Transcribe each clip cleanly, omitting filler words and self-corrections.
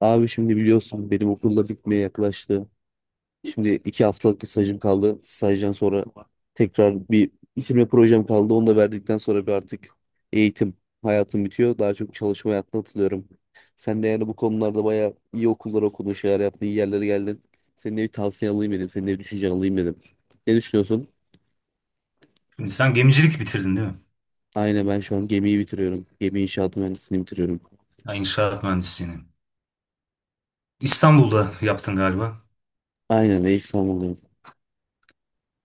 Abi şimdi biliyorsun benim okulda bitmeye yaklaştı. Şimdi 2 haftalık bir stajım kaldı. Stajdan sonra tekrar bir bitirme projem kaldı. Onu da verdikten sonra bir artık eğitim hayatım bitiyor. Daha çok çalışma hayatına atılıyorum. Sen de yani bu konularda bayağı iyi okullar okudun, şeyler yaptın, iyi yerlere geldin. Senin de bir tavsiye alayım dedim. Senin de bir düşüncen alayım dedim. Ne düşünüyorsun? Şimdi sen gemicilik bitirdin değil mi? Aynen, ben şu an gemiyi bitiriyorum. Gemi inşaat mühendisliğini bitiriyorum. Ya inşaat mühendisliğini. İstanbul'da yaptın galiba. Aynen, eş zamanlı.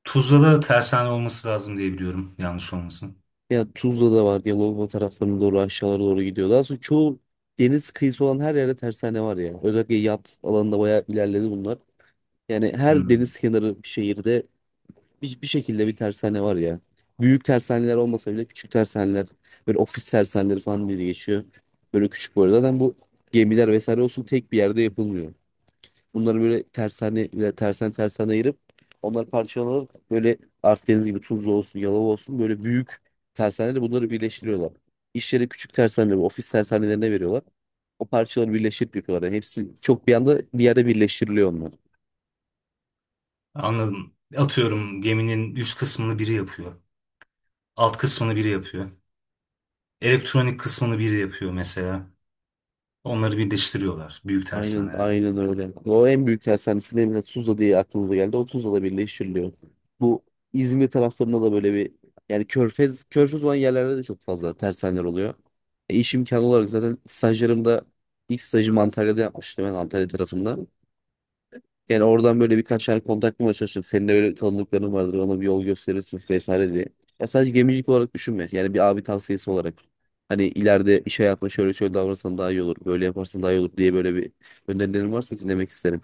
Tuzla'da tersane olması lazım diye biliyorum. Yanlış olmasın. Ya Tuzla'da var, Yalova taraflarına doğru aşağılara doğru gidiyor. Daha sonra çoğu deniz kıyısı olan her yerde tersane var ya. Özellikle yat alanında bayağı ilerledi bunlar. Yani her Hmm. deniz kenarı bir şehirde bir şekilde bir tersane var ya. Büyük tersaneler olmasa bile küçük tersaneler, böyle ofis tersaneleri falan diye geçiyor. Böyle küçük bu arada. Zaten bu gemiler vesaire olsun tek bir yerde yapılmıyor. Bunları böyle tersane tersen ayırıp onları parçalayıp böyle Akdeniz gibi Tuzla olsun, Yalova olsun böyle büyük tersaneyle bunları birleştiriyorlar. İş yeri küçük tersaneler, ofis tersanelerine veriyorlar. O parçaları birleştirip yapıyorlar. Yani hepsi çok bir anda bir yerde birleştiriliyor onlar. Anladım. Atıyorum geminin üst kısmını biri yapıyor. Alt kısmını biri yapıyor. Elektronik kısmını biri yapıyor mesela. Onları birleştiriyorlar. Büyük Aynen, tersaneler. aynen öyle. O en büyük tersanesilerinden Tuzla diye aklınıza geldi. O Tuzla'da birleştiriliyor. Bu İzmir taraflarında da böyle bir yani körfez körfez olan yerlerde de çok fazla tersaneler oluyor. İş imkanı olarak zaten stajlarımda ilk stajımı Antalya'da yapmıştım ben, Antalya tarafında. Yani oradan böyle birkaç yer kontak bulmaya çalıştım. Senin de öyle tanıdıkların vardır. Ona bir yol gösterirsin vesaire diye. Ya sadece gemicilik olarak düşünme. Yani bir abi tavsiyesi olarak. Hani ileride iş hayatında şöyle şöyle davranırsan daha iyi olur. Böyle yaparsan daha iyi olur diye böyle bir önerilerin varsa dinlemek isterim.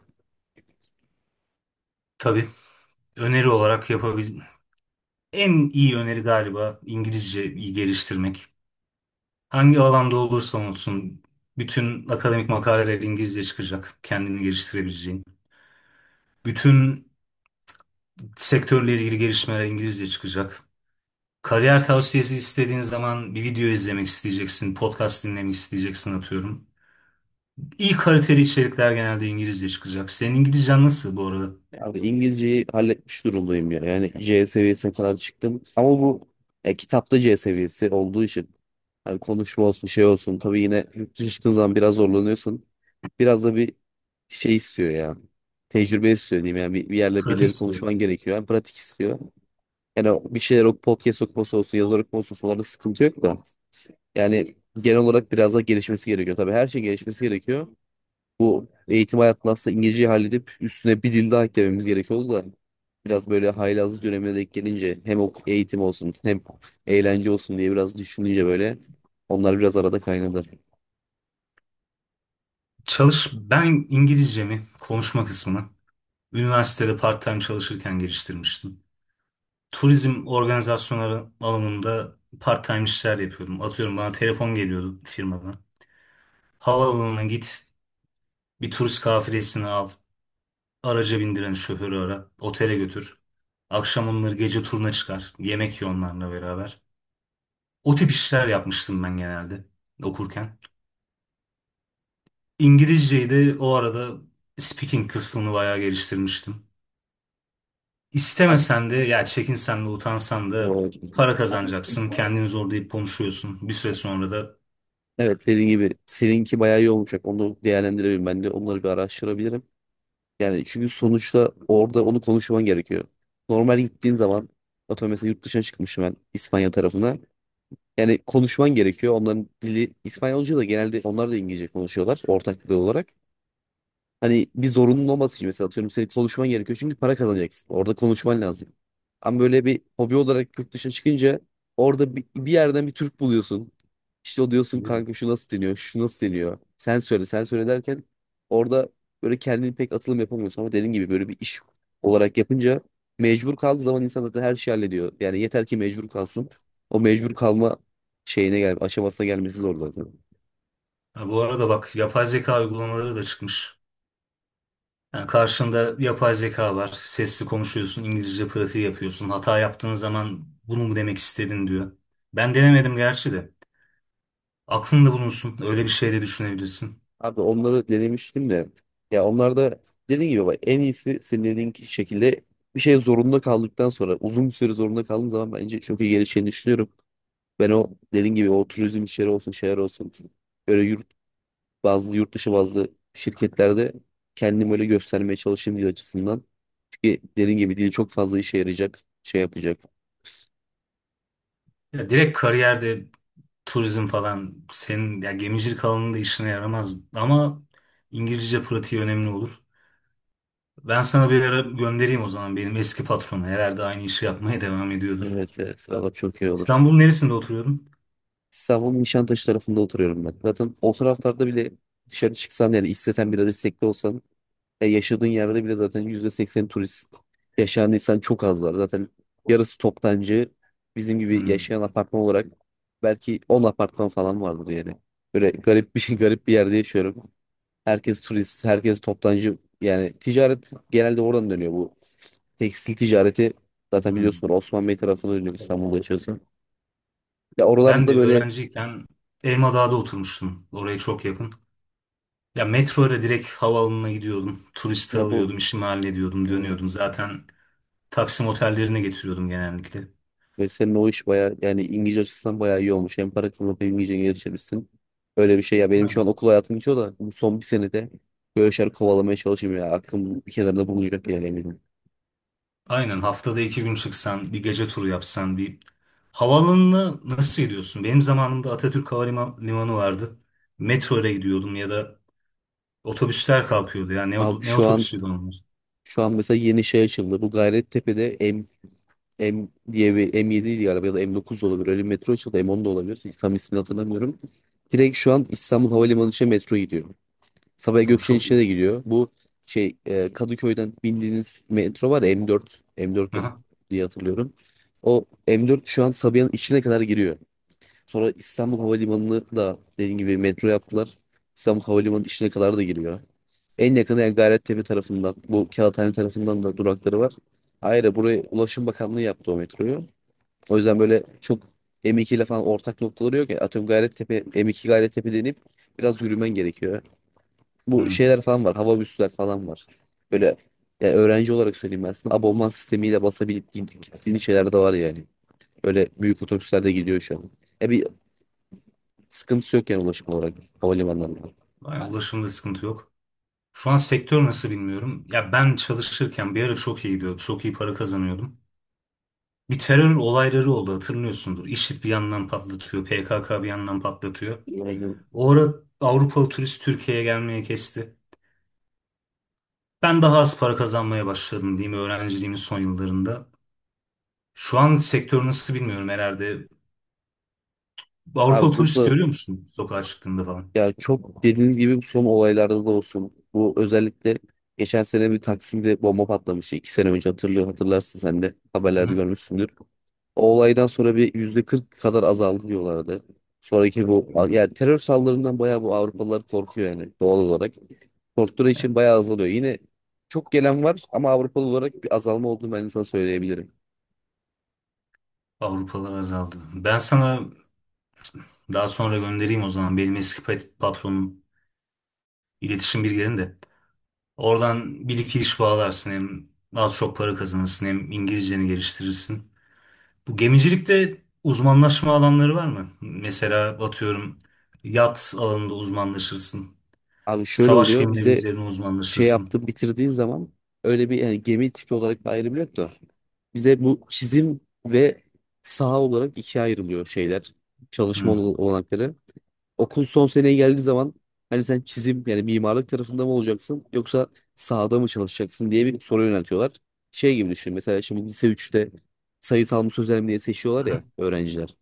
Tabii. öneri olarak yapabil... En iyi öneri galiba İngilizce iyi geliştirmek. Hangi alanda olursa olsun bütün akademik makaleler İngilizce çıkacak. Kendini geliştirebileceğin. Bütün sektörle ilgili gelişmeler İngilizce çıkacak. Kariyer tavsiyesi istediğin zaman bir video izlemek isteyeceksin, podcast dinlemek isteyeceksin atıyorum. İyi kaliteli içerikler genelde İngilizce çıkacak. Senin İngilizcen nasıl bu arada? Abi İngilizceyi halletmiş durumdayım ya. Yani C seviyesine kadar çıktım. Ama bu kitapta C seviyesi olduğu için hani konuşma olsun şey olsun. Tabii yine yurt dışına çıktığın zaman biraz zorlanıyorsun. Biraz da bir şey istiyor ya. Tecrübe istiyor diyeyim, yani bir yerle Pratik birileri istiyorum. konuşman gerekiyor. Yani pratik istiyor. Yani bir şeyler, o podcast okuması olsun, yazar okuması olsun, onlarda sıkıntı yok da. Yani genel olarak biraz daha gelişmesi gerekiyor. Tabii her şey gelişmesi gerekiyor. Bu eğitim hayatında aslında İngilizceyi halledip üstüne bir dil daha eklememiz gerekiyordu da biraz böyle haylazlık dönemine denk gelince hem eğitim olsun hem eğlence olsun diye biraz düşününce böyle onlar biraz arada kaynadı. Çalış, ben İngilizcemi, konuşma kısmını üniversitede part-time çalışırken geliştirmiştim. Turizm organizasyonları alanında part-time işler yapıyordum. Atıyorum bana telefon geliyordu firmadan. Havaalanına git, bir turist kafilesini al, araca bindiren şoförü ara, otele götür. Akşam onları gece turuna çıkar, yemek ye onlarla beraber. O tip işler yapmıştım ben genelde okurken. İngilizceyi de o arada speaking kısmını bayağı geliştirmiştim. Abi, İstemesen de ya çekinsen de utansan e, da para kazanacaksın. Kendini zorlayıp konuşuyorsun. Bir süre sonra da Evet, dediğin gibi seninki bayağı iyi olmayacak. Onu değerlendirebilirim ben de. Onları bir araştırabilirim. Yani çünkü sonuçta orada onu konuşman gerekiyor. Normal gittiğin zaman atıyorum mesela yurt dışına çıkmışım ben, İspanya tarafına. Yani konuşman gerekiyor. Onların dili İspanyolca da genelde onlar da İngilizce konuşuyorlar ortak dil olarak. Hani bir zorunluluğun olması için mesela atıyorum senin konuşman gerekiyor çünkü para kazanacaksın. Orada konuşman lazım. Ama böyle bir hobi olarak yurt dışına çıkınca orada bir yerden bir Türk buluyorsun. İşte o diyorsun, kanka şu nasıl deniyor, şu nasıl deniyor. Sen söyle, sen söyle derken orada böyle kendini pek atılım yapamıyorsun. Ama dediğin gibi böyle bir iş olarak yapınca mecbur kaldığı zaman insan zaten her şeyi hallediyor. Yani yeter ki mecbur kalsın. O mecbur kalma aşamasına gelmesi zor zaten. ha, bu arada bak yapay zeka uygulamaları da çıkmış. Yani karşında yapay zeka var. Sesli konuşuyorsun, İngilizce pratiği yapıyorsun. Hata yaptığın zaman bunu mu demek istedin diyor. Ben denemedim gerçi de. Aklında bulunsun. Öyle bir şey de düşünebilirsin. Abi onları denemiştim de. Ya onlar da dediğin gibi bak, en iyisi senin dediğin şekilde bir şey zorunda kaldıktan sonra uzun bir süre zorunda kaldığın zaman bence çok iyi gelişeceğini düşünüyorum. Ben o dediğin gibi o turizm işleri olsun şeyler olsun böyle bazı yurt dışı bazı şirketlerde kendimi öyle göstermeye çalışayım diye açısından. Çünkü dediğin gibi dil çok fazla işe yarayacak şey yapacak. Ya direkt kariyerde turizm falan senin ya gemicilik alanında işine yaramaz ama İngilizce pratiği önemli olur. Ben sana bir ara göndereyim o zaman benim eski patronu. Herhalde aynı işi yapmaya devam ediyordur. Evet, evet, valla çok iyi olur. İstanbul'un neresinde oturuyordun? İstanbul'un Nişantaşı tarafında oturuyorum ben. Zaten o taraflarda bile dışarı çıksan yani istesen biraz istekli olsan yaşadığın yerde bile zaten %80 turist, yaşayan insan çok az var. Zaten yarısı toptancı, bizim gibi Hmm, yaşayan apartman olarak belki 10 apartman falan vardır yani. Böyle garip bir garip bir yerde yaşıyorum. Herkes turist, herkes toptancı. Yani ticaret genelde oradan dönüyor bu. Tekstil ticareti zaten hmm. biliyorsunuz Osman Bey tarafına dönüyor, İstanbul'da yaşıyorsun. Ya oralarda Ben da de böyle öğrenciyken Elmadağ'da oturmuştum. Oraya çok yakın. Ya metro ile direkt havaalanına gidiyordum. Turisti ya bu alıyordum, işimi hallediyordum, dönüyordum. evet. Zaten Taksim otellerine getiriyordum genellikle. Ve senin o iş bayağı yani İngilizce açısından bayağı iyi olmuş. Hem para kazanıp hem İngilizce geliştirmişsin. Öyle bir şey ya, benim şu an Aynen. okul hayatım bitiyor da bu son bir senede böyle şeyler kovalamaya çalışayım ya. Aklım bir kenarda bulunacak yani, eminim. Aynen, haftada iki gün çıksan, bir gece turu yapsan, bir havaalanını nasıl gidiyorsun? Benim zamanımda Atatürk Havalimanı vardı. Metro ile gidiyordum ya da otobüsler kalkıyordu. Yani Abi ne şu an otobüsüydü onlar? şu an mesela yeni şey açıldı. Bu Gayrettepe'de M diye bir M7 ydi galiba, ya da M9 da olabilir. Öyle bir metro açıldı. M10 da olabilir. Tam ismini hatırlamıyorum. Direkt şu an İstanbul Havalimanı için metro gidiyor. Sabiha O Gökçen'in çok içine iyi. de gidiyor. Bu Kadıköy'den bindiğiniz metro var ya, M4. Aha. Diye hatırlıyorum. O M4 şu an Sabiha'nın içine kadar giriyor. Sonra İstanbul Havalimanı'nı da dediğim gibi metro yaptılar. İstanbul Havalimanı'nın içine kadar da giriyor. En yakını yani Gayrettepe tarafından, bu Kağıthane tarafından da durakları var. Ayrıca buraya Ulaşım Bakanlığı yaptı o metroyu. O yüzden böyle çok M2 ile falan ortak noktaları yok ya. Atıyorum Gayrettepe, M2 Gayrettepe denip biraz yürümen gerekiyor, bu Hı. şeyler falan var. Hava büsler falan var. Böyle ya öğrenci olarak söyleyeyim ben sana, abonman sistemiyle basabilip gittiğin şeyler de var yani. Öyle büyük otobüslerde gidiyor şu an. E bir sıkıntısı yok yani ulaşım olarak havalimanlarında. Aynen, ulaşımda sıkıntı yok. Şu an sektör nasıl bilmiyorum. Ya ben çalışırken bir ara çok iyi gidiyordu. Çok iyi para kazanıyordum. Bir terör olayları oldu hatırlıyorsundur. IŞİD bir yandan patlatıyor. PKK bir yandan patlatıyor. Yani, O ara Avrupalı turist Türkiye'ye gelmeye kesti. Ben daha az para kazanmaya başladım diyeyim öğrenciliğimin son yıllarında. Şu an sektör nasıl bilmiyorum herhalde. abi Avrupalı turist burada, görüyor musun sokağa çıktığında falan? ya çok dediğiniz gibi bu son olaylarda da olsun. Bu özellikle geçen sene bir Taksim'de bomba patlamıştı. 2 sene önce hatırlıyor, hatırlarsın sen de Hı haberlerde hı. görmüşsündür. O olaydan sonra bir %40 kadar azaldı diyorlardı. Sonraki bu Hmm. yani terör saldırılarından bayağı bu Avrupalılar korkuyor yani doğal olarak. Korktukları Ya, için bayağı azalıyor. Yine çok gelen var ama Avrupalı olarak bir azalma olduğunu ben sana söyleyebilirim. Avrupalılar azaldı. Ben sana daha sonra göndereyim o zaman. Benim eski patronum iletişim bilgilerini de. Oradan bir iki iş bağlarsın hem az çok para kazanırsın hem İngilizceni geliştirirsin. Bu gemicilikte uzmanlaşma alanları var mı? Mesela atıyorum yat alanında uzmanlaşırsın. Abi şöyle Savaş oluyor. gemileri Bize üzerine şey uzmanlaşırsın. yaptın bitirdiğin zaman öyle bir yani gemi tipi olarak bir ayrım yok da bize bu çizim ve saha olarak ikiye ayrılıyor şeyler. Çalışma Hmm. Olanakları okul son seneye geldiği zaman hani sen çizim yani mimarlık tarafında mı olacaksın yoksa sahada mı çalışacaksın diye bir soru yöneltiyorlar. Şey gibi düşün, mesela şimdi lise üçte sayısal mı sözel mi diye seçiyorlar ya öğrenciler.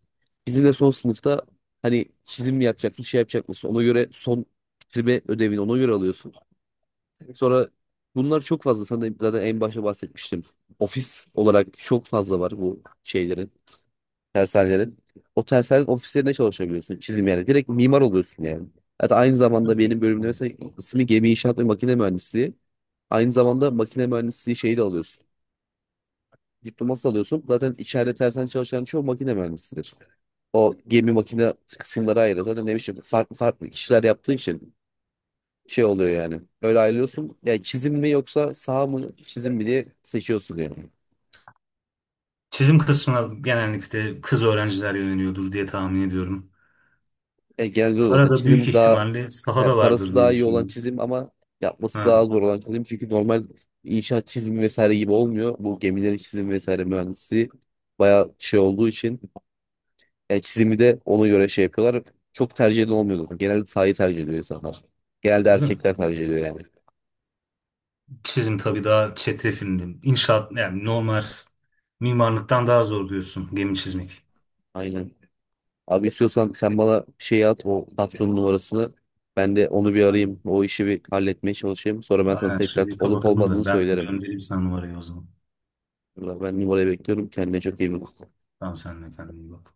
Bizim de son sınıfta hani çizim mi yapacaksın şey yapacak mısın, ona göre son bitirme ödevini ona göre alıyorsun. Sonra bunlar çok fazla, sana da zaten en başta bahsetmiştim. Ofis olarak çok fazla var bu şeylerin, tersanelerin. O tersanelerin ofislerinde çalışabiliyorsun. Çizim yani. Direkt mimar oluyorsun yani. Hatta aynı zamanda benim bölümde mesela ismi gemi inşaat ve makine mühendisliği. Aynı zamanda makine mühendisliği şeyi de alıyorsun. Diploması alıyorsun. Zaten içeride tersen çalışan çoğu makine mühendisidir. O gemi makine kısımları ayrı. Zaten ne bileyim farklı farklı kişiler yaptığın için şey oluyor yani. Öyle ayrılıyorsun. Yani çizim mi yoksa sağ mı çizim mi diye seçiyorsun yani. Çizim kısmına genellikle kız öğrenciler yöneliyordur diye tahmin ediyorum. Genelde o Para zaten da büyük çizim daha. ihtimalle Yani sahada parası vardır diye daha iyi olan düşünüyorum. çizim ama yapması daha Ha, zor olan çizim. Çünkü normal inşaat çizimi vesaire gibi olmuyor. Bu gemilerin çizimi vesaire mühendisi bayağı şey olduğu için yani çizimi de ona göre şey yapıyorlar. Çok tercih eden olmuyor zaten. Genelde sahayı tercih ediyor insanlar. Genelde öyle mi? erkekler tercih ediyor yani. Çizim tabii daha çetrefilli. İnşaat yani normal mimarlıktan daha zor diyorsun gemi çizmek. Aynen. Abi istiyorsan sen bana şey at, o patronun numarasını. Ben de onu bir arayayım. Aynen. O işi bir halletmeye çalışayım. Sonra ben sana Aynen. tekrar Şimdi olup kapatalım olmadığını da ben söylerim. göndereyim sana numarayı o zaman. Ben numarayı bekliyorum. Kendine çok iyi bak. Tamam sen de kendine iyi bak.